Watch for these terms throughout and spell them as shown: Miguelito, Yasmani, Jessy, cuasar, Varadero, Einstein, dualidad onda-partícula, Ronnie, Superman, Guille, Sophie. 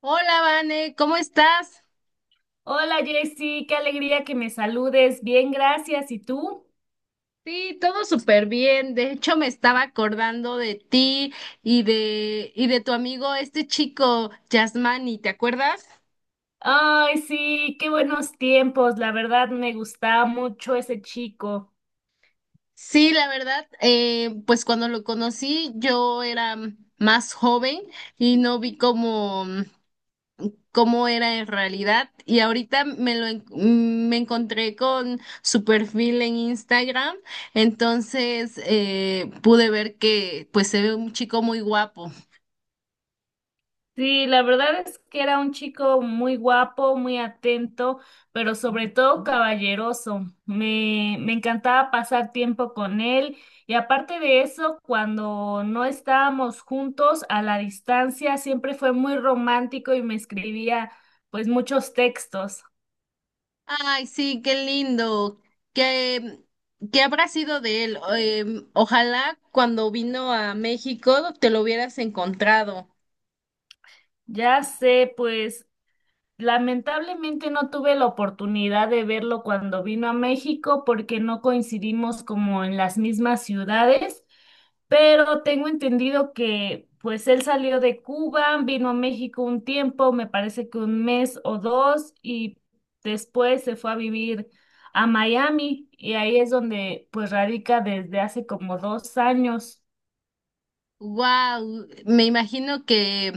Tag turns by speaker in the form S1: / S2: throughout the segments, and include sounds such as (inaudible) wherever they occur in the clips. S1: Hola, Vane, ¿cómo estás?
S2: Hola Jessy, qué alegría que me saludes. Bien, gracias. ¿Y tú?
S1: Sí, todo súper bien. De hecho, me estaba acordando de ti y de tu amigo, este chico, Yasmani, ¿te acuerdas?
S2: Ay, sí, qué buenos tiempos. La verdad me gustaba mucho ese chico.
S1: Sí, la verdad, pues cuando lo conocí, yo era más joven y no vi cómo era en realidad. Y ahorita me encontré con su perfil en Instagram, entonces pude ver que pues se ve un chico muy guapo.
S2: Sí, la verdad es que era un chico muy guapo, muy atento, pero sobre todo caballeroso. Me encantaba pasar tiempo con él y aparte de eso, cuando no estábamos juntos a la distancia, siempre fue muy romántico y me escribía pues muchos textos.
S1: Ay, sí, qué lindo. ¿Qué, ¿qué habrá sido de él? Ojalá cuando vino a México te lo hubieras encontrado.
S2: Ya sé, pues lamentablemente no tuve la oportunidad de verlo cuando vino a México porque no coincidimos como en las mismas ciudades, pero tengo entendido que pues él salió de Cuba, vino a México un tiempo, me parece que un mes o dos, y después se fue a vivir a Miami y ahí es donde pues radica desde hace como 2 años.
S1: Wow, me imagino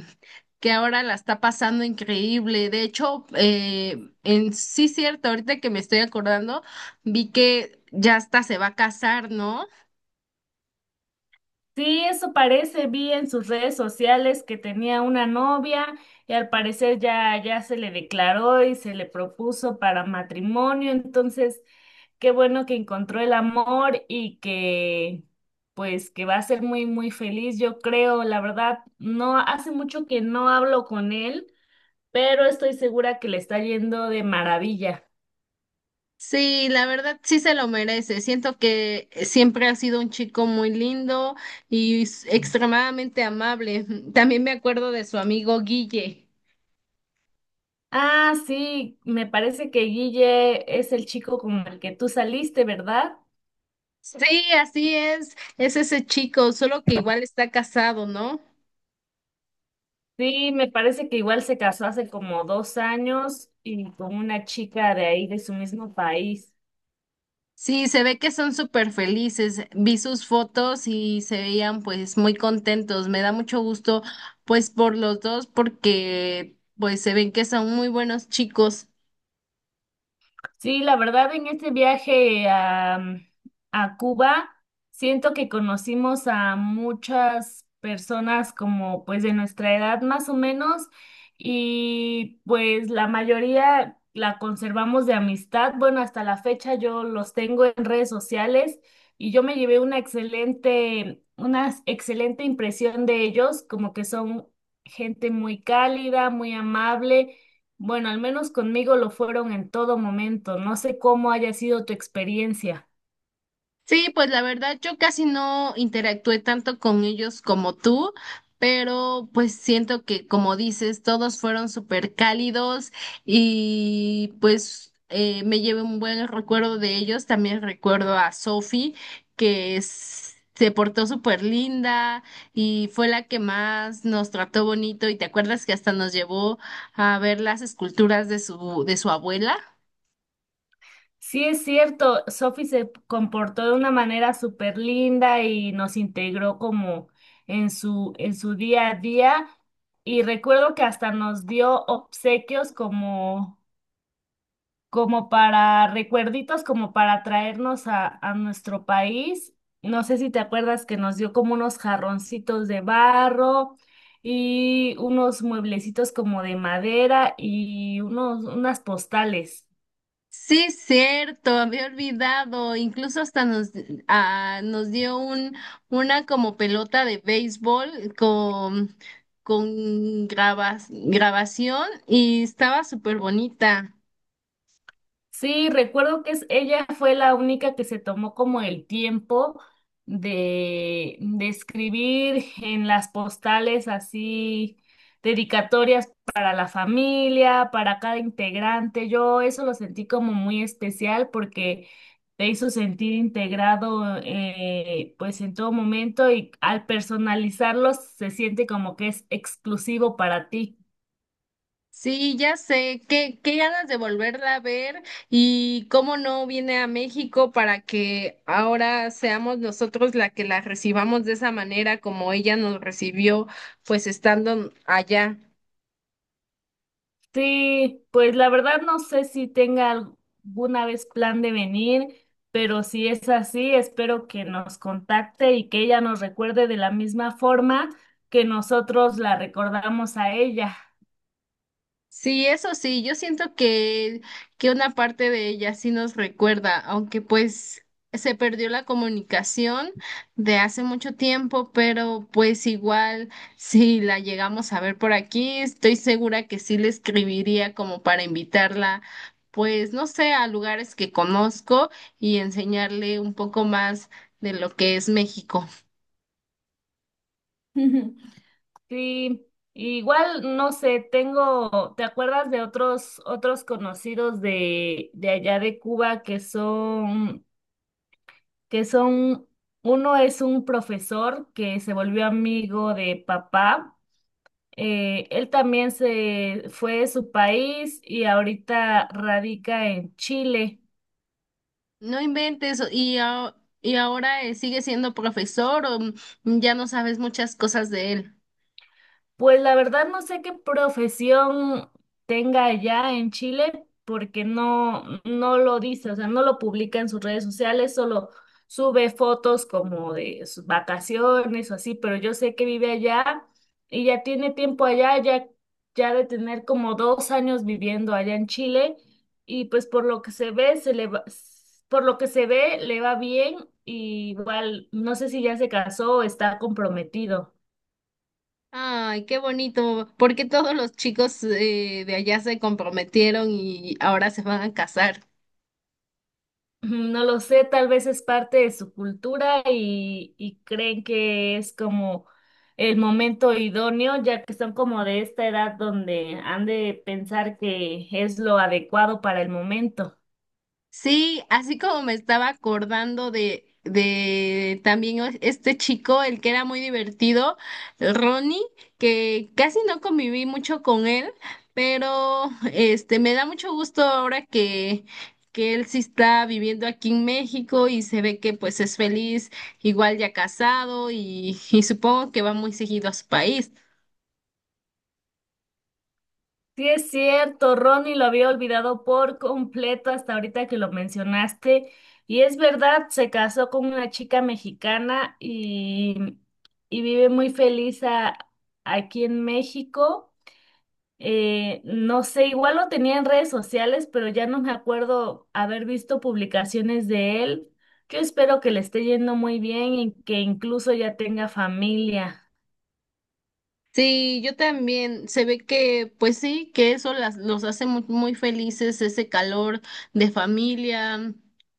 S1: que ahora la está pasando increíble. De hecho, en sí cierto, ahorita que me estoy acordando, vi que ya hasta se va a casar, ¿no?
S2: Sí, eso parece, vi en sus redes sociales que tenía una novia y al parecer ya se le declaró y se le propuso para matrimonio, entonces qué bueno que encontró el amor y que pues que va a ser muy muy feliz, yo creo. La verdad, no hace mucho que no hablo con él, pero estoy segura que le está yendo de maravilla.
S1: Sí, la verdad sí se lo merece. Siento que siempre ha sido un chico muy lindo y extremadamente amable. (laughs) También me acuerdo de su amigo Guille.
S2: Ah, sí, me parece que Guille es el chico con el que tú saliste, ¿verdad?
S1: Sí, así es ese chico, solo que igual está casado, ¿no?
S2: Sí, me parece que igual se casó hace como 2 años y con una chica de ahí, de su mismo país.
S1: Sí, se ve que son súper felices. Vi sus fotos y se veían pues muy contentos. Me da mucho gusto pues por los dos porque pues se ven que son muy buenos chicos.
S2: Sí, la verdad, en este viaje a, a Cuba, siento que conocimos a muchas personas como pues de nuestra edad más o menos y pues la mayoría la conservamos de amistad. Bueno, hasta la fecha yo los tengo en redes sociales y yo me llevé una excelente impresión de ellos, como que son gente muy cálida, muy amable. Bueno, al menos conmigo lo fueron en todo momento. No sé cómo haya sido tu experiencia.
S1: Sí, pues la verdad yo casi no interactué tanto con ellos como tú, pero pues siento que como dices, todos fueron súper cálidos y pues me llevé un buen recuerdo de ellos. También recuerdo a Sophie, que se portó súper linda y fue la que más nos trató bonito. ¿Y te acuerdas que hasta nos llevó a ver las esculturas de de su abuela?
S2: Sí, es cierto, Sophie se comportó de una manera súper linda y nos integró como en su día a día. Y recuerdo que hasta nos dio obsequios como como para recuerditos, como para traernos a nuestro país. No sé si te acuerdas que nos dio como unos jarroncitos de barro y unos mueblecitos como de madera y unos, unas postales.
S1: Sí, cierto, había olvidado. Incluso hasta ah, nos dio una como pelota de béisbol con grabación y estaba súper bonita.
S2: Sí, recuerdo que ella fue la única que se tomó como el tiempo de escribir en las postales así dedicatorias para la familia, para cada integrante. Yo eso lo sentí como muy especial porque te hizo sentir integrado pues en todo momento, y al personalizarlos se siente como que es exclusivo para ti.
S1: Sí, ya sé, qué ganas de volverla a ver y cómo no viene a México para que ahora seamos nosotros la que la recibamos de esa manera como ella nos recibió, pues estando allá.
S2: Sí, pues la verdad no sé si tenga alguna vez plan de venir, pero si es así, espero que nos contacte y que ella nos recuerde de la misma forma que nosotros la recordamos a ella.
S1: Sí, eso sí, yo siento que una parte de ella sí nos recuerda, aunque pues se perdió la comunicación de hace mucho tiempo, pero pues igual si la llegamos a ver por aquí, estoy segura que sí le escribiría como para invitarla, pues no sé, a lugares que conozco y enseñarle un poco más de lo que es México.
S2: (laughs) Sí, igual no sé, tengo, ¿te acuerdas de otros conocidos de allá de Cuba que son uno es un profesor que se volvió amigo de papá? Él también se fue de su país y ahorita radica en Chile.
S1: No inventes, y ahora sigue siendo profesor o ya no sabes muchas cosas de él.
S2: Pues la verdad no sé qué profesión tenga allá en Chile, porque no, no lo dice, o sea, no lo publica en sus redes sociales, solo sube fotos como de sus vacaciones o así, pero yo sé que vive allá y ya tiene tiempo allá, ya, ya de tener como 2 años viviendo allá en Chile, y pues por lo que se ve, se le va, por lo que se ve, le va bien, y igual no sé si ya se casó o está comprometido.
S1: Ay, qué bonito, porque todos los chicos de allá se comprometieron y ahora se van a casar.
S2: No lo sé, tal vez es parte de su cultura y creen que es como el momento idóneo, ya que son como de esta edad donde han de pensar que es lo adecuado para el momento.
S1: Sí, así como me estaba acordando de también este chico, el que era muy divertido, el Ronnie, que casi no conviví mucho con él, pero este me da mucho gusto ahora que él sí está viviendo aquí en México y se ve que pues es feliz, igual ya casado y supongo que va muy seguido a su país.
S2: Sí, es cierto, Ronnie lo había olvidado por completo hasta ahorita que lo mencionaste. Y es verdad, se casó con una chica mexicana y vive muy feliz aquí en México. No sé, igual lo tenía en redes sociales, pero ya no me acuerdo haber visto publicaciones de él. Yo espero que le esté yendo muy bien y que incluso ya tenga familia.
S1: Sí, yo también. Se ve que, pues sí, que eso los hace muy felices, ese calor de familia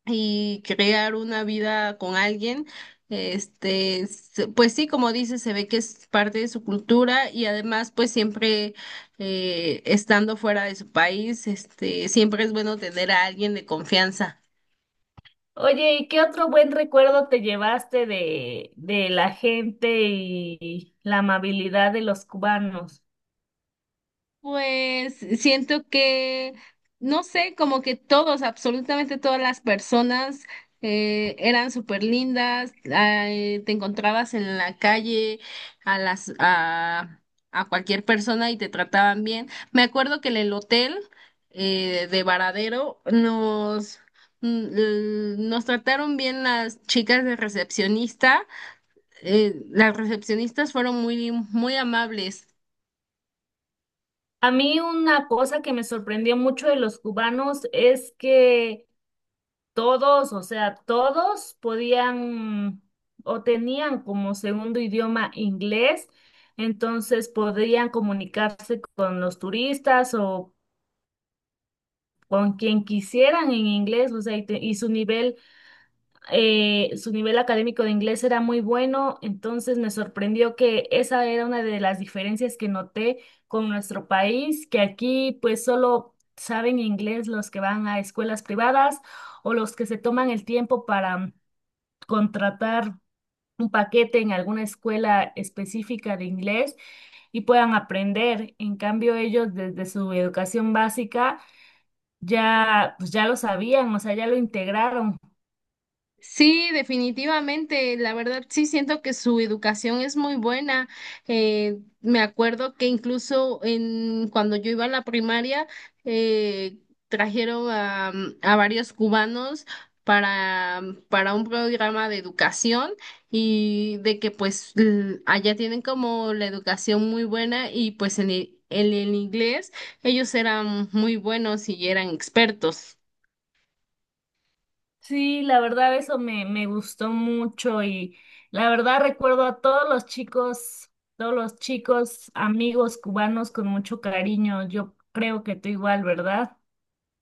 S1: y crear una vida con alguien. Este, pues sí, como dices, se ve que es parte de su cultura y además, pues siempre estando fuera de su país, este, siempre es bueno tener a alguien de confianza.
S2: Oye, ¿y qué otro buen recuerdo te llevaste de la gente y la amabilidad de los cubanos?
S1: Pues siento no sé, como que todos, absolutamente todas las personas eran súper lindas, ay, te encontrabas en la calle a las a, a cualquier persona y te trataban bien. Me acuerdo que en el hotel de Varadero nos trataron bien las chicas de recepcionista. Las recepcionistas fueron muy muy amables.
S2: A mí una cosa que me sorprendió mucho de los cubanos es que todos, o sea, todos podían o tenían como segundo idioma inglés, entonces podían comunicarse con los turistas o con quien quisieran en inglés, o sea, y su nivel académico de inglés era muy bueno, entonces me sorprendió que esa era una de las diferencias que noté con nuestro país, que aquí pues solo saben inglés los que van a escuelas privadas o los que se toman el tiempo para contratar un paquete en alguna escuela específica de inglés y puedan aprender. En cambio, ellos desde su educación básica ya, pues ya lo sabían, o sea, ya lo integraron.
S1: Sí, definitivamente, la verdad sí siento que su educación es muy buena. Me acuerdo que incluso en cuando yo iba a la primaria eh, trajeron a varios cubanos para, para un programa de educación y de que pues allá tienen como la educación muy buena y pues en en el inglés ellos eran muy buenos y eran expertos.
S2: Sí, la verdad eso me gustó mucho, y la verdad recuerdo a todos los chicos amigos cubanos con mucho cariño. Yo creo que tú igual, ¿verdad?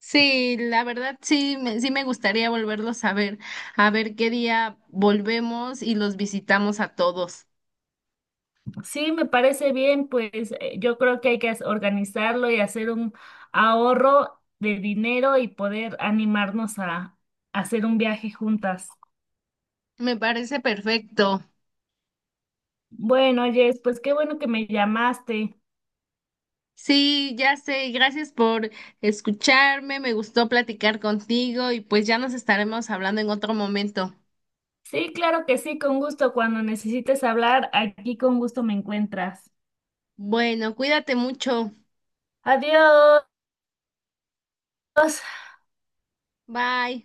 S1: Sí, la verdad sí, sí me gustaría volverlos a ver qué día volvemos y los visitamos a todos.
S2: Sí, me parece bien, pues yo creo que hay que organizarlo y hacer un ahorro de dinero y poder animarnos a hacer un viaje juntas.
S1: Me parece perfecto.
S2: Bueno, Jess, pues qué bueno que me llamaste.
S1: Sí, ya sé, gracias por escucharme, me gustó platicar contigo y pues ya nos estaremos hablando en otro momento.
S2: Sí, claro que sí, con gusto. Cuando necesites hablar, aquí con gusto me encuentras.
S1: Bueno, cuídate mucho.
S2: Adiós.
S1: Bye.